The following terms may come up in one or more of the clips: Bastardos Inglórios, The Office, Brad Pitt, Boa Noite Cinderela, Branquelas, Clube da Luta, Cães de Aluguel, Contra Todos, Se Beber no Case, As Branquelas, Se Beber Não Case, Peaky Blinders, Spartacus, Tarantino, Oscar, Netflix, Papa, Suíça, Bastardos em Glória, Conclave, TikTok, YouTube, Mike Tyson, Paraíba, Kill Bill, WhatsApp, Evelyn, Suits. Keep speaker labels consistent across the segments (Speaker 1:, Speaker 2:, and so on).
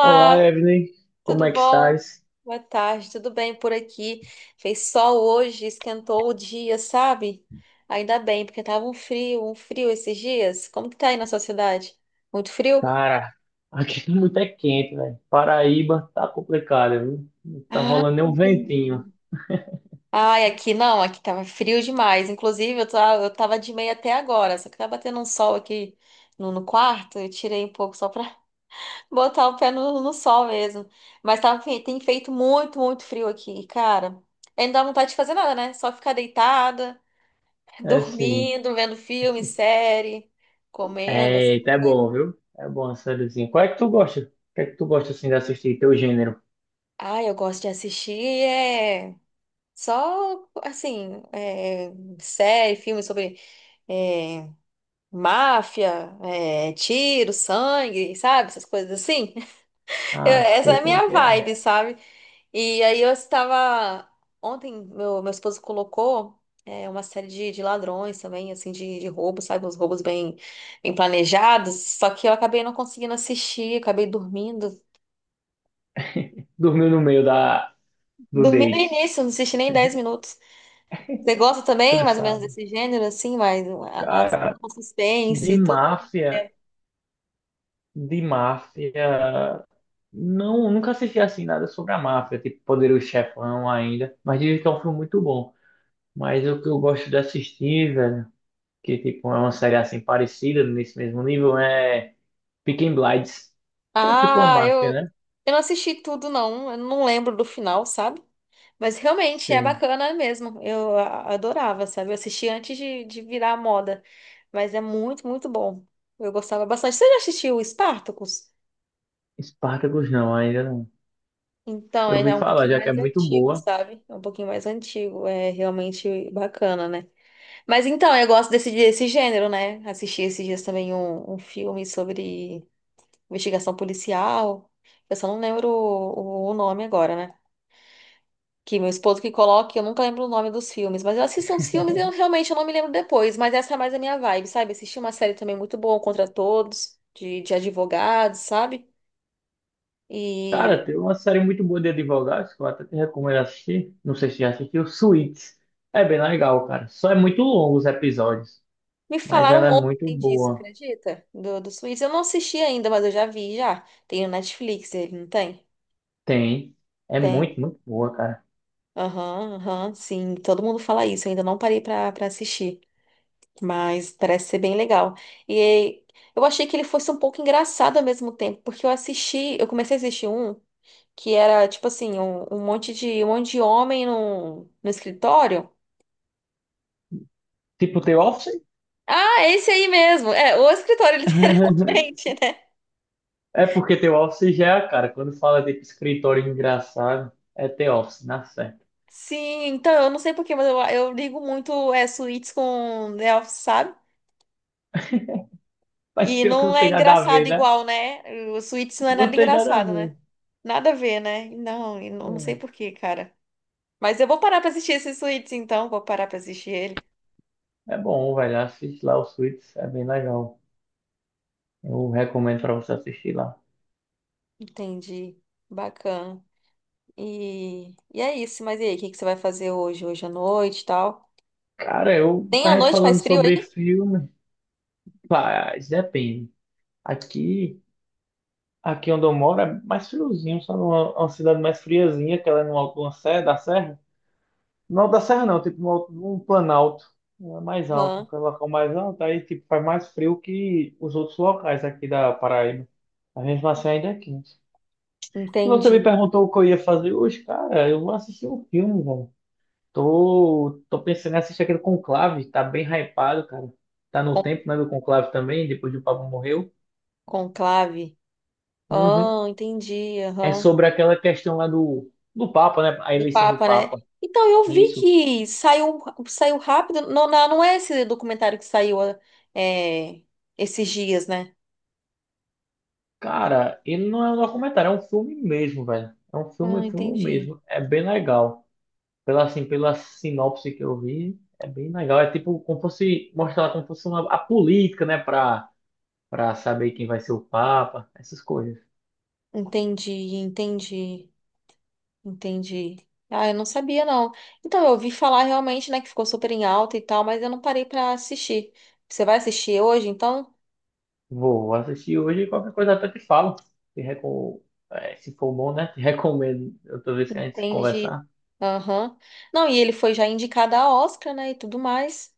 Speaker 1: Olá, Evelyn. Como é
Speaker 2: tudo
Speaker 1: que
Speaker 2: bom?
Speaker 1: estás?
Speaker 2: Boa tarde, tudo bem por aqui? Fez sol hoje, esquentou o dia, sabe? Ainda bem, porque tava um frio esses dias. Como que tá aí na sua cidade? Muito frio?
Speaker 1: Cara, aqui tá muito é quente, velho. Paraíba tá complicado, viu? Não tá
Speaker 2: Ah,
Speaker 1: rolando nem um
Speaker 2: entendi.
Speaker 1: ventinho.
Speaker 2: Ai, aqui não, aqui tava frio demais. Inclusive, eu tava de meia até agora, só que tá batendo um sol aqui no quarto, eu tirei um pouco só pra botar o pé no sol mesmo. Mas tá, tem feito muito, muito frio aqui, cara. Aí não dá vontade de fazer nada, né? Só ficar deitada,
Speaker 1: É assim.
Speaker 2: dormindo, vendo filme, série, comendo, essas
Speaker 1: Eita, é
Speaker 2: coisas.
Speaker 1: bom, viu? É bom a sériezinha. Qual é que tu gosta? O que é que tu gosta assim de assistir? Teu gênero?
Speaker 2: Ai, eu gosto de assistir, é. Só, assim, é, série, filme sobre é, máfia, é, tiro, sangue, sabe? Essas coisas assim.
Speaker 1: Ah,
Speaker 2: Essa é
Speaker 1: sei
Speaker 2: a
Speaker 1: como é
Speaker 2: minha
Speaker 1: que é.
Speaker 2: vibe, sabe? E aí eu estava. Ontem, meu esposo colocou é, uma série de ladrões também, assim, de roubos, sabe? Uns roubos bem, bem planejados. Só que eu acabei não conseguindo assistir, acabei dormindo.
Speaker 1: Dormiu no meio do
Speaker 2: Dormi no
Speaker 1: date.
Speaker 2: início, não assisti nem 10 minutos. Você gosta também, mais ou menos,
Speaker 1: Cansado.
Speaker 2: desse gênero, assim, mais a,
Speaker 1: Cara,
Speaker 2: o suspense
Speaker 1: de
Speaker 2: e tudo?
Speaker 1: máfia, de máfia. Não, nunca assisti assim nada sobre a máfia, tipo Poderoso Chefão ainda, mas dizem que é um filme muito bom. Mas o que eu gosto de assistir, velho, que tipo é uma série assim parecida, nesse mesmo nível, é Peaky Blinders, que é tipo uma
Speaker 2: Ah, eu,
Speaker 1: máfia, né?
Speaker 2: eu não assisti tudo, não. Eu não lembro do final, sabe? Mas realmente é
Speaker 1: Sim.
Speaker 2: bacana mesmo. Eu adorava, sabe? Eu assisti antes de virar moda. Mas é muito, muito bom. Eu gostava bastante. Você já assistiu o Spartacus?
Speaker 1: Spartacus não, ainda não.
Speaker 2: Então,
Speaker 1: Eu
Speaker 2: é
Speaker 1: ouvi
Speaker 2: já um
Speaker 1: falar,
Speaker 2: pouquinho
Speaker 1: já que é
Speaker 2: mais
Speaker 1: muito
Speaker 2: antigo,
Speaker 1: boa.
Speaker 2: sabe? É um pouquinho mais antigo. É realmente bacana, né? Mas então, eu gosto desse gênero, né? Assisti esses dias também um filme sobre investigação policial. Eu só não lembro o nome agora, né? Que meu esposo que coloca, eu nunca lembro o nome dos filmes, mas eu assisto os filmes e eu realmente eu não me lembro depois, mas essa é mais a minha vibe, sabe? Assisti uma série também muito boa, Contra Todos, de advogados, sabe? E
Speaker 1: Cara, tem uma série muito boa de advogados que eu até te recomendo assistir. Não sei se já assistiu, Suits. É bem legal, cara. Só é muito longo os episódios,
Speaker 2: me
Speaker 1: mas ela
Speaker 2: falaram
Speaker 1: é muito
Speaker 2: ontem disso,
Speaker 1: boa.
Speaker 2: acredita? Do Suíça. Eu não assisti ainda, mas eu já vi, já. Tem no Netflix, ele não tem?
Speaker 1: Tem. É
Speaker 2: Tem.
Speaker 1: muito, muito boa, cara.
Speaker 2: Aham, aham, sim. Todo mundo fala isso, eu ainda não parei pra assistir. Mas parece ser bem legal. E eu achei que ele fosse um pouco engraçado ao mesmo tempo, porque eu assisti, eu comecei a assistir um. Que era tipo assim, um monte de homem no escritório.
Speaker 1: Tipo, The Office?
Speaker 2: Ah, é esse aí mesmo. É, o escritório, literalmente, né?
Speaker 1: É porque The Office já é a cara. Quando fala de escritório engraçado, é The Office, na certa.
Speaker 2: Sim, então eu não sei por quê, mas eu ligo muito é, suítes com The Office, sabe?
Speaker 1: Mas
Speaker 2: E
Speaker 1: pior que
Speaker 2: não
Speaker 1: não
Speaker 2: é
Speaker 1: tem nada a
Speaker 2: engraçado
Speaker 1: ver, né?
Speaker 2: igual, né? O suítes não é
Speaker 1: Não
Speaker 2: nada
Speaker 1: tem nada a
Speaker 2: engraçado, né?
Speaker 1: ver.
Speaker 2: Nada a ver, né? Não, e não não sei por quê, cara. Mas eu vou parar pra assistir esse suítes, então. Vou parar pra assistir ele.
Speaker 1: É, é bom, velho. Assiste lá o Suits, é bem legal. Eu recomendo pra você assistir lá.
Speaker 2: Entendi. Bacana. E é isso. Mas e aí, o que que você vai fazer hoje, hoje à noite e tal?
Speaker 1: Cara, eu
Speaker 2: Nem à
Speaker 1: tava
Speaker 2: noite faz
Speaker 1: falando
Speaker 2: frio
Speaker 1: sobre
Speaker 2: aí?
Speaker 1: filme. Mas depende. Aqui, aqui onde eu moro é mais friozinho, sabe? Uma cidade mais friazinha, que ela é numa serra, da serra. No alto da serra não, tipo no alto- num planalto. É mais alto,
Speaker 2: Aham,
Speaker 1: um local mais alto, aí tipo faz mais frio que os outros locais aqui da Paraíba. A gente assim ainda é quente. E você me
Speaker 2: entendi.
Speaker 1: perguntou o que eu ia fazer hoje, cara, eu vou assistir um filme, velho. Tô pensando em assistir aquele Conclave, tá bem hypado, cara. Tá no
Speaker 2: Con
Speaker 1: tempo, né, do Conclave também, depois que o Papa morreu.
Speaker 2: Conclave.
Speaker 1: Uhum.
Speaker 2: Ah, entendi.
Speaker 1: É
Speaker 2: Aham.
Speaker 1: sobre aquela questão lá do Papa, né, a
Speaker 2: Do
Speaker 1: eleição do
Speaker 2: Papa, né?
Speaker 1: Papa.
Speaker 2: Então, eu vi
Speaker 1: Isso.
Speaker 2: que saiu, saiu rápido. Não, não, não é esse documentário que saiu é, esses dias, né?
Speaker 1: Cara, ele não é um documentário, é um filme mesmo, velho. É
Speaker 2: Ah,
Speaker 1: um filme
Speaker 2: entendi.
Speaker 1: mesmo. É bem legal. Pela, assim, pela sinopse que eu vi, é bem legal. É tipo como fosse mostrar como fosse uma, a política, né? Pra saber quem vai ser o Papa, essas coisas.
Speaker 2: Entendi, entendi. Entendi. Ah, eu não sabia, não. Então, eu ouvi falar realmente, né, que ficou super em alta e tal, mas eu não parei pra assistir. Você vai assistir hoje, então?
Speaker 1: Vou assistir hoje e qualquer coisa até te falo. Te recom... é, se for bom, né? Te recomendo outra vez que a gente se
Speaker 2: Entendi.
Speaker 1: conversar.
Speaker 2: Aham. Não, e ele foi já indicado a Oscar, né, e tudo mais.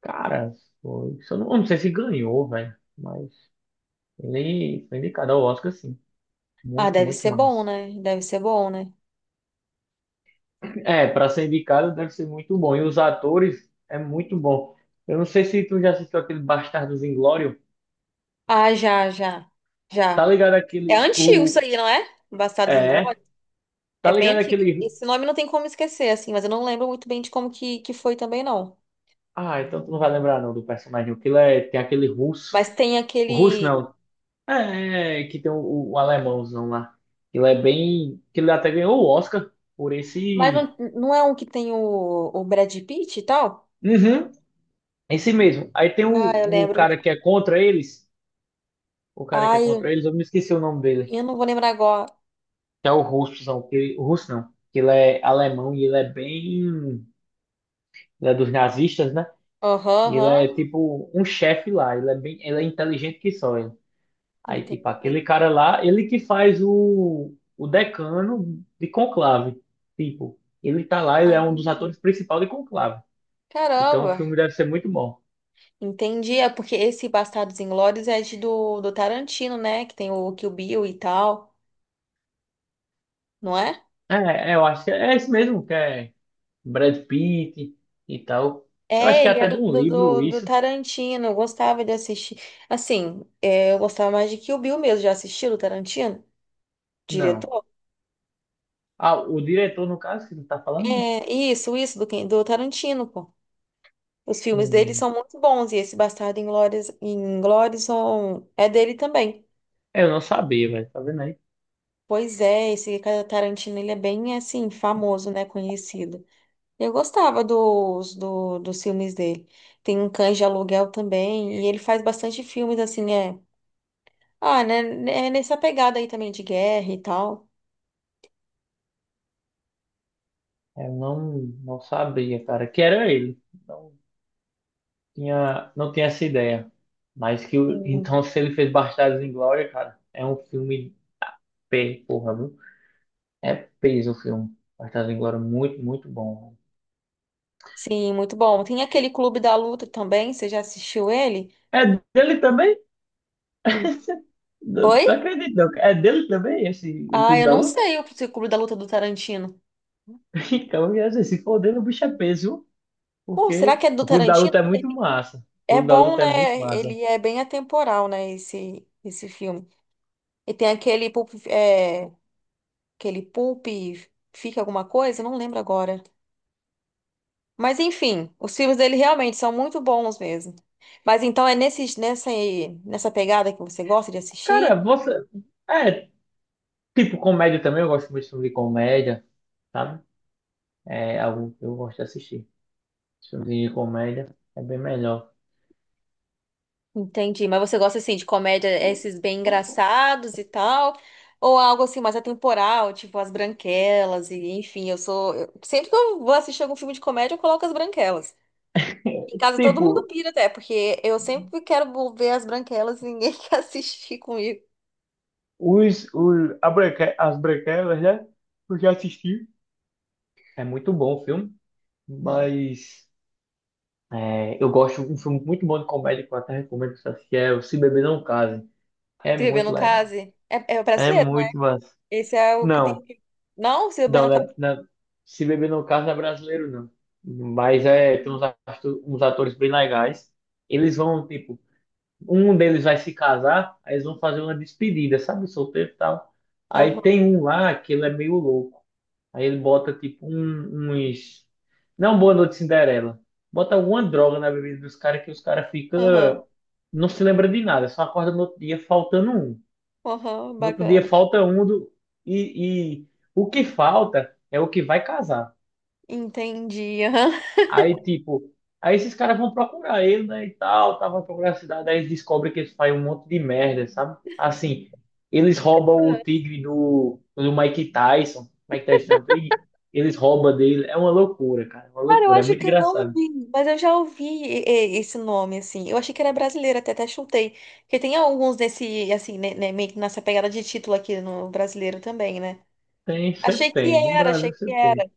Speaker 1: Cara, foi... eu não sei se ganhou, velho. Mas ele foi indicado ao Oscar, sim.
Speaker 2: Ah,
Speaker 1: Muito,
Speaker 2: deve
Speaker 1: muito
Speaker 2: ser bom,
Speaker 1: massa.
Speaker 2: né? Deve ser bom, né?
Speaker 1: É, para ser indicado deve ser muito bom. E os atores é muito bom. Eu não sei se tu já assistiu aquele Bastardos Inglórios.
Speaker 2: Ah, já, já,
Speaker 1: Tá
Speaker 2: já.
Speaker 1: ligado
Speaker 2: É
Speaker 1: aquele
Speaker 2: antigo
Speaker 1: o
Speaker 2: isso aí, não é? Bastardos
Speaker 1: é,
Speaker 2: Inglórios?
Speaker 1: tá
Speaker 2: É bem
Speaker 1: ligado
Speaker 2: antigo.
Speaker 1: aquele.
Speaker 2: Esse nome não tem como esquecer, assim, mas eu não lembro muito bem de como que foi também, não.
Speaker 1: Ah, então tu não vai lembrar não do personagem. O que é, tem aquele russo.
Speaker 2: Mas tem
Speaker 1: O russo
Speaker 2: aquele.
Speaker 1: não. É, é, que tem o alemãozão lá. Ele é bem, que ele até ganhou o Oscar por
Speaker 2: Mas
Speaker 1: esse.
Speaker 2: não, não é um que tem o Brad Pitt e tal?
Speaker 1: Uhum, esse mesmo. Aí tem
Speaker 2: Ah, eu
Speaker 1: o
Speaker 2: lembro.
Speaker 1: cara que é contra eles, o cara que é
Speaker 2: Ai,
Speaker 1: contra eles, eu me esqueci o nome dele.
Speaker 2: eu não vou lembrar agora.
Speaker 1: Que é o russozão, que, o russo não, que ele é alemão e ele é bem, ele é dos nazistas, né?
Speaker 2: Aham,
Speaker 1: E ele
Speaker 2: aham.
Speaker 1: é tipo um chefe lá, ele é bem, ele é inteligente que só ele. Aí tipo
Speaker 2: Entendi.
Speaker 1: aquele cara lá, ele que faz o decano de Conclave, tipo, ele tá lá, ele é um dos atores
Speaker 2: Ah,
Speaker 1: principais de Conclave. Então o
Speaker 2: caramba.
Speaker 1: filme deve ser muito bom.
Speaker 2: Entendi. É porque esse Bastardos Inglórios é de do Tarantino, né? Que tem o Kill Bill e tal, não é?
Speaker 1: É, é, eu acho que é esse mesmo, que é Brad Pitt e tal. Eu acho
Speaker 2: É,
Speaker 1: que é
Speaker 2: ele é
Speaker 1: até de
Speaker 2: do,
Speaker 1: um
Speaker 2: do,
Speaker 1: livro
Speaker 2: do, do
Speaker 1: isso.
Speaker 2: Tarantino. Eu gostava de assistir. Assim, é, eu gostava mais de Kill Bill mesmo. Já assistiu o Tarantino?
Speaker 1: Não.
Speaker 2: Diretor?
Speaker 1: Ah, o diretor, no caso, que tu tá falando, né?
Speaker 2: É, isso, do Tarantino, pô. Os filmes dele
Speaker 1: Hum,
Speaker 2: são muito bons e esse Bastardo Inglórias, Inglórious é dele também.
Speaker 1: eu não sabia, velho, tá vendo aí?
Speaker 2: Pois é, esse Tarantino ele é bem assim famoso, né, conhecido. Eu gostava dos filmes dele. Tem um Cães de Aluguel também e ele faz bastante filmes assim, é. Ah, né, é nessa pegada aí também de guerra e tal.
Speaker 1: É, Eu não, não sabia, cara, que era ele. Não não tinha essa ideia. Mas que, o-
Speaker 2: Sim.
Speaker 1: então, se ele fez Bastardos em Glória, cara, é um filme P, porra, viu? É peso o filme. Bastardos em Glória, muito, muito bom.
Speaker 2: Sim, muito bom. Tem aquele Clube da Luta também, você já assistiu ele?
Speaker 1: É dele também? Não,
Speaker 2: Oi?
Speaker 1: não acredito, não. É dele também, esse, o
Speaker 2: Ah,
Speaker 1: Clube
Speaker 2: eu
Speaker 1: da
Speaker 2: não
Speaker 1: Luta?
Speaker 2: sei o Clube da Luta é do Tarantino.
Speaker 1: Então, eu ia dizer, se for dele, o bicho é peso, viu?
Speaker 2: Pô, será
Speaker 1: Porque
Speaker 2: que é do
Speaker 1: o Clube da
Speaker 2: Tarantino?
Speaker 1: Luta é muito massa. O
Speaker 2: É
Speaker 1: Clube da
Speaker 2: bom,
Speaker 1: Luta é muito
Speaker 2: né?
Speaker 1: massa.
Speaker 2: Ele é bem atemporal, né? Esse filme. E tem aquele Pulp, é, aquele Pulp Fica Alguma Coisa? Não lembro agora. Mas enfim, os filmes dele realmente são muito bons mesmo. Mas então é nesse, nessa pegada que você gosta de assistir?
Speaker 1: Cara, você. É, tipo, comédia também, eu gosto muito de filme de comédia, sabe? É algo que eu gosto de assistir. Filme de comédia é bem melhor.
Speaker 2: Entendi. Mas você gosta assim de comédia, esses bem engraçados e tal? Ou algo assim mais atemporal, tipo As Branquelas e enfim, eu sou. Sempre que eu vou assistir algum filme de comédia, eu coloco As Branquelas. Em casa todo mundo
Speaker 1: Tipo,
Speaker 2: pira até, porque eu sempre quero ver as branquelas e ninguém quer assistir comigo.
Speaker 1: a Branque- as Branquelas, né? Eu já assisti. É muito bom o filme, mas é, eu gosto de um filme muito bom de comédia que eu até recomendo pra você assistir, é o Se Beber Não Case. É
Speaker 2: Se beber
Speaker 1: muito
Speaker 2: no
Speaker 1: legal.
Speaker 2: case? É, é
Speaker 1: É
Speaker 2: brasileiro, né?
Speaker 1: muito massa.
Speaker 2: Esse é o que tem
Speaker 1: Não.
Speaker 2: que. Não, se beber
Speaker 1: Não,
Speaker 2: no case.
Speaker 1: na- na- se beber no caso, não é brasileiro, não. Mas é, tem uns, atu- uns atores bem legais. Eles vão, tipo, um deles vai se casar, aí eles vão fazer uma despedida, sabe? Solteiro e tal. Aí
Speaker 2: Aham,
Speaker 1: tem um lá que ele é meio louco. Aí ele bota, tipo, um- uns. Não, Boa Noite Cinderela. Bota alguma droga na bebida dos caras que os caras ficam.
Speaker 2: aham,
Speaker 1: Não se lembra de nada, só acorda no outro dia faltando um.
Speaker 2: aham,
Speaker 1: No outro dia
Speaker 2: bacana.
Speaker 1: falta um do, e o que falta é o que vai casar.
Speaker 2: Entendi. Aham.
Speaker 1: Aí, tipo, aí esses caras vão procurar ele, né, e tal, tava procurando a cidade, aí eles descobrem que eles fazem um monte de merda, sabe? Assim, eles roubam o tigre do Mike Tyson, Mike Tyson é um tigre, eles roubam dele, é uma loucura, cara, é uma
Speaker 2: Cara, eu
Speaker 1: loucura, é
Speaker 2: acho
Speaker 1: muito
Speaker 2: que eu não
Speaker 1: engraçado.
Speaker 2: vi, mas eu já ouvi esse nome, assim. Eu achei que era brasileiro, até chutei. Porque tem alguns desse, assim, né, meio que nessa pegada de título aqui no brasileiro também, né?
Speaker 1: Tem, sempre
Speaker 2: Achei que
Speaker 1: tem, no
Speaker 2: era, achei
Speaker 1: Brasil
Speaker 2: que
Speaker 1: sempre tem.
Speaker 2: era.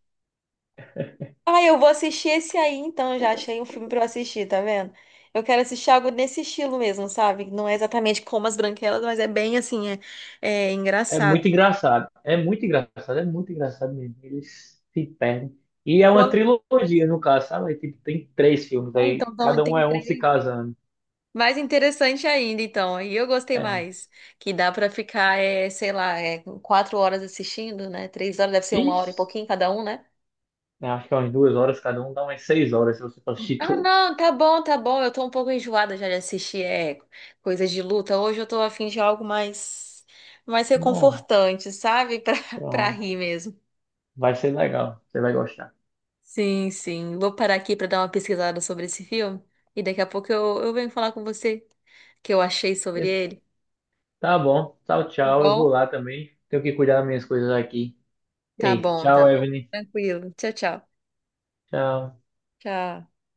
Speaker 2: Ah, eu vou assistir esse aí então, já achei um filme pra eu assistir, tá vendo? Eu quero assistir algo nesse estilo mesmo, sabe? Não é exatamente como As Branquelas, mas é bem assim, é, é
Speaker 1: É
Speaker 2: engraçado.
Speaker 1: muito engraçado. É muito engraçado, é muito engraçado mesmo. Eles se perdem. E é uma
Speaker 2: Pronto,
Speaker 1: trilogia, no caso, sabe? Aí, tipo, tem 3 filmes
Speaker 2: ah, então,
Speaker 1: aí,
Speaker 2: então
Speaker 1: cada um
Speaker 2: tem
Speaker 1: é um se
Speaker 2: três.
Speaker 1: casando.
Speaker 2: Mais interessante ainda, então. E eu gostei
Speaker 1: É.
Speaker 2: mais. Que dá pra ficar, é, sei lá, é, 4 horas assistindo, né? 3 horas, deve ser 1 hora e
Speaker 1: Ixi,
Speaker 2: pouquinho cada um, né?
Speaker 1: eu acho que é umas 2 horas, cada um dá umas 6 horas se você for assistir
Speaker 2: Ah,
Speaker 1: todos.
Speaker 2: não, tá bom, tá bom. Eu tô um pouco enjoada já de assistir é, coisas de luta. Hoje eu tô a fim de algo mais, mais
Speaker 1: Bom,
Speaker 2: reconfortante, sabe? Pra, pra
Speaker 1: pronto.
Speaker 2: rir mesmo.
Speaker 1: Vai ser legal, você vai gostar.
Speaker 2: Sim, sim. Vou parar aqui pra dar uma pesquisada sobre esse filme. E daqui a pouco eu venho falar com você o que eu achei
Speaker 1: E-
Speaker 2: sobre ele.
Speaker 1: tá bom, tchau,
Speaker 2: Tá
Speaker 1: tchau. Eu vou
Speaker 2: bom?
Speaker 1: lá também. Tenho que cuidar das minhas coisas aqui.
Speaker 2: Tá
Speaker 1: Ei,
Speaker 2: bom, tá
Speaker 1: tchau,
Speaker 2: bom.
Speaker 1: Evelyn.
Speaker 2: Tranquilo. Tchau, tchau.
Speaker 1: Tchau.
Speaker 2: Tchau.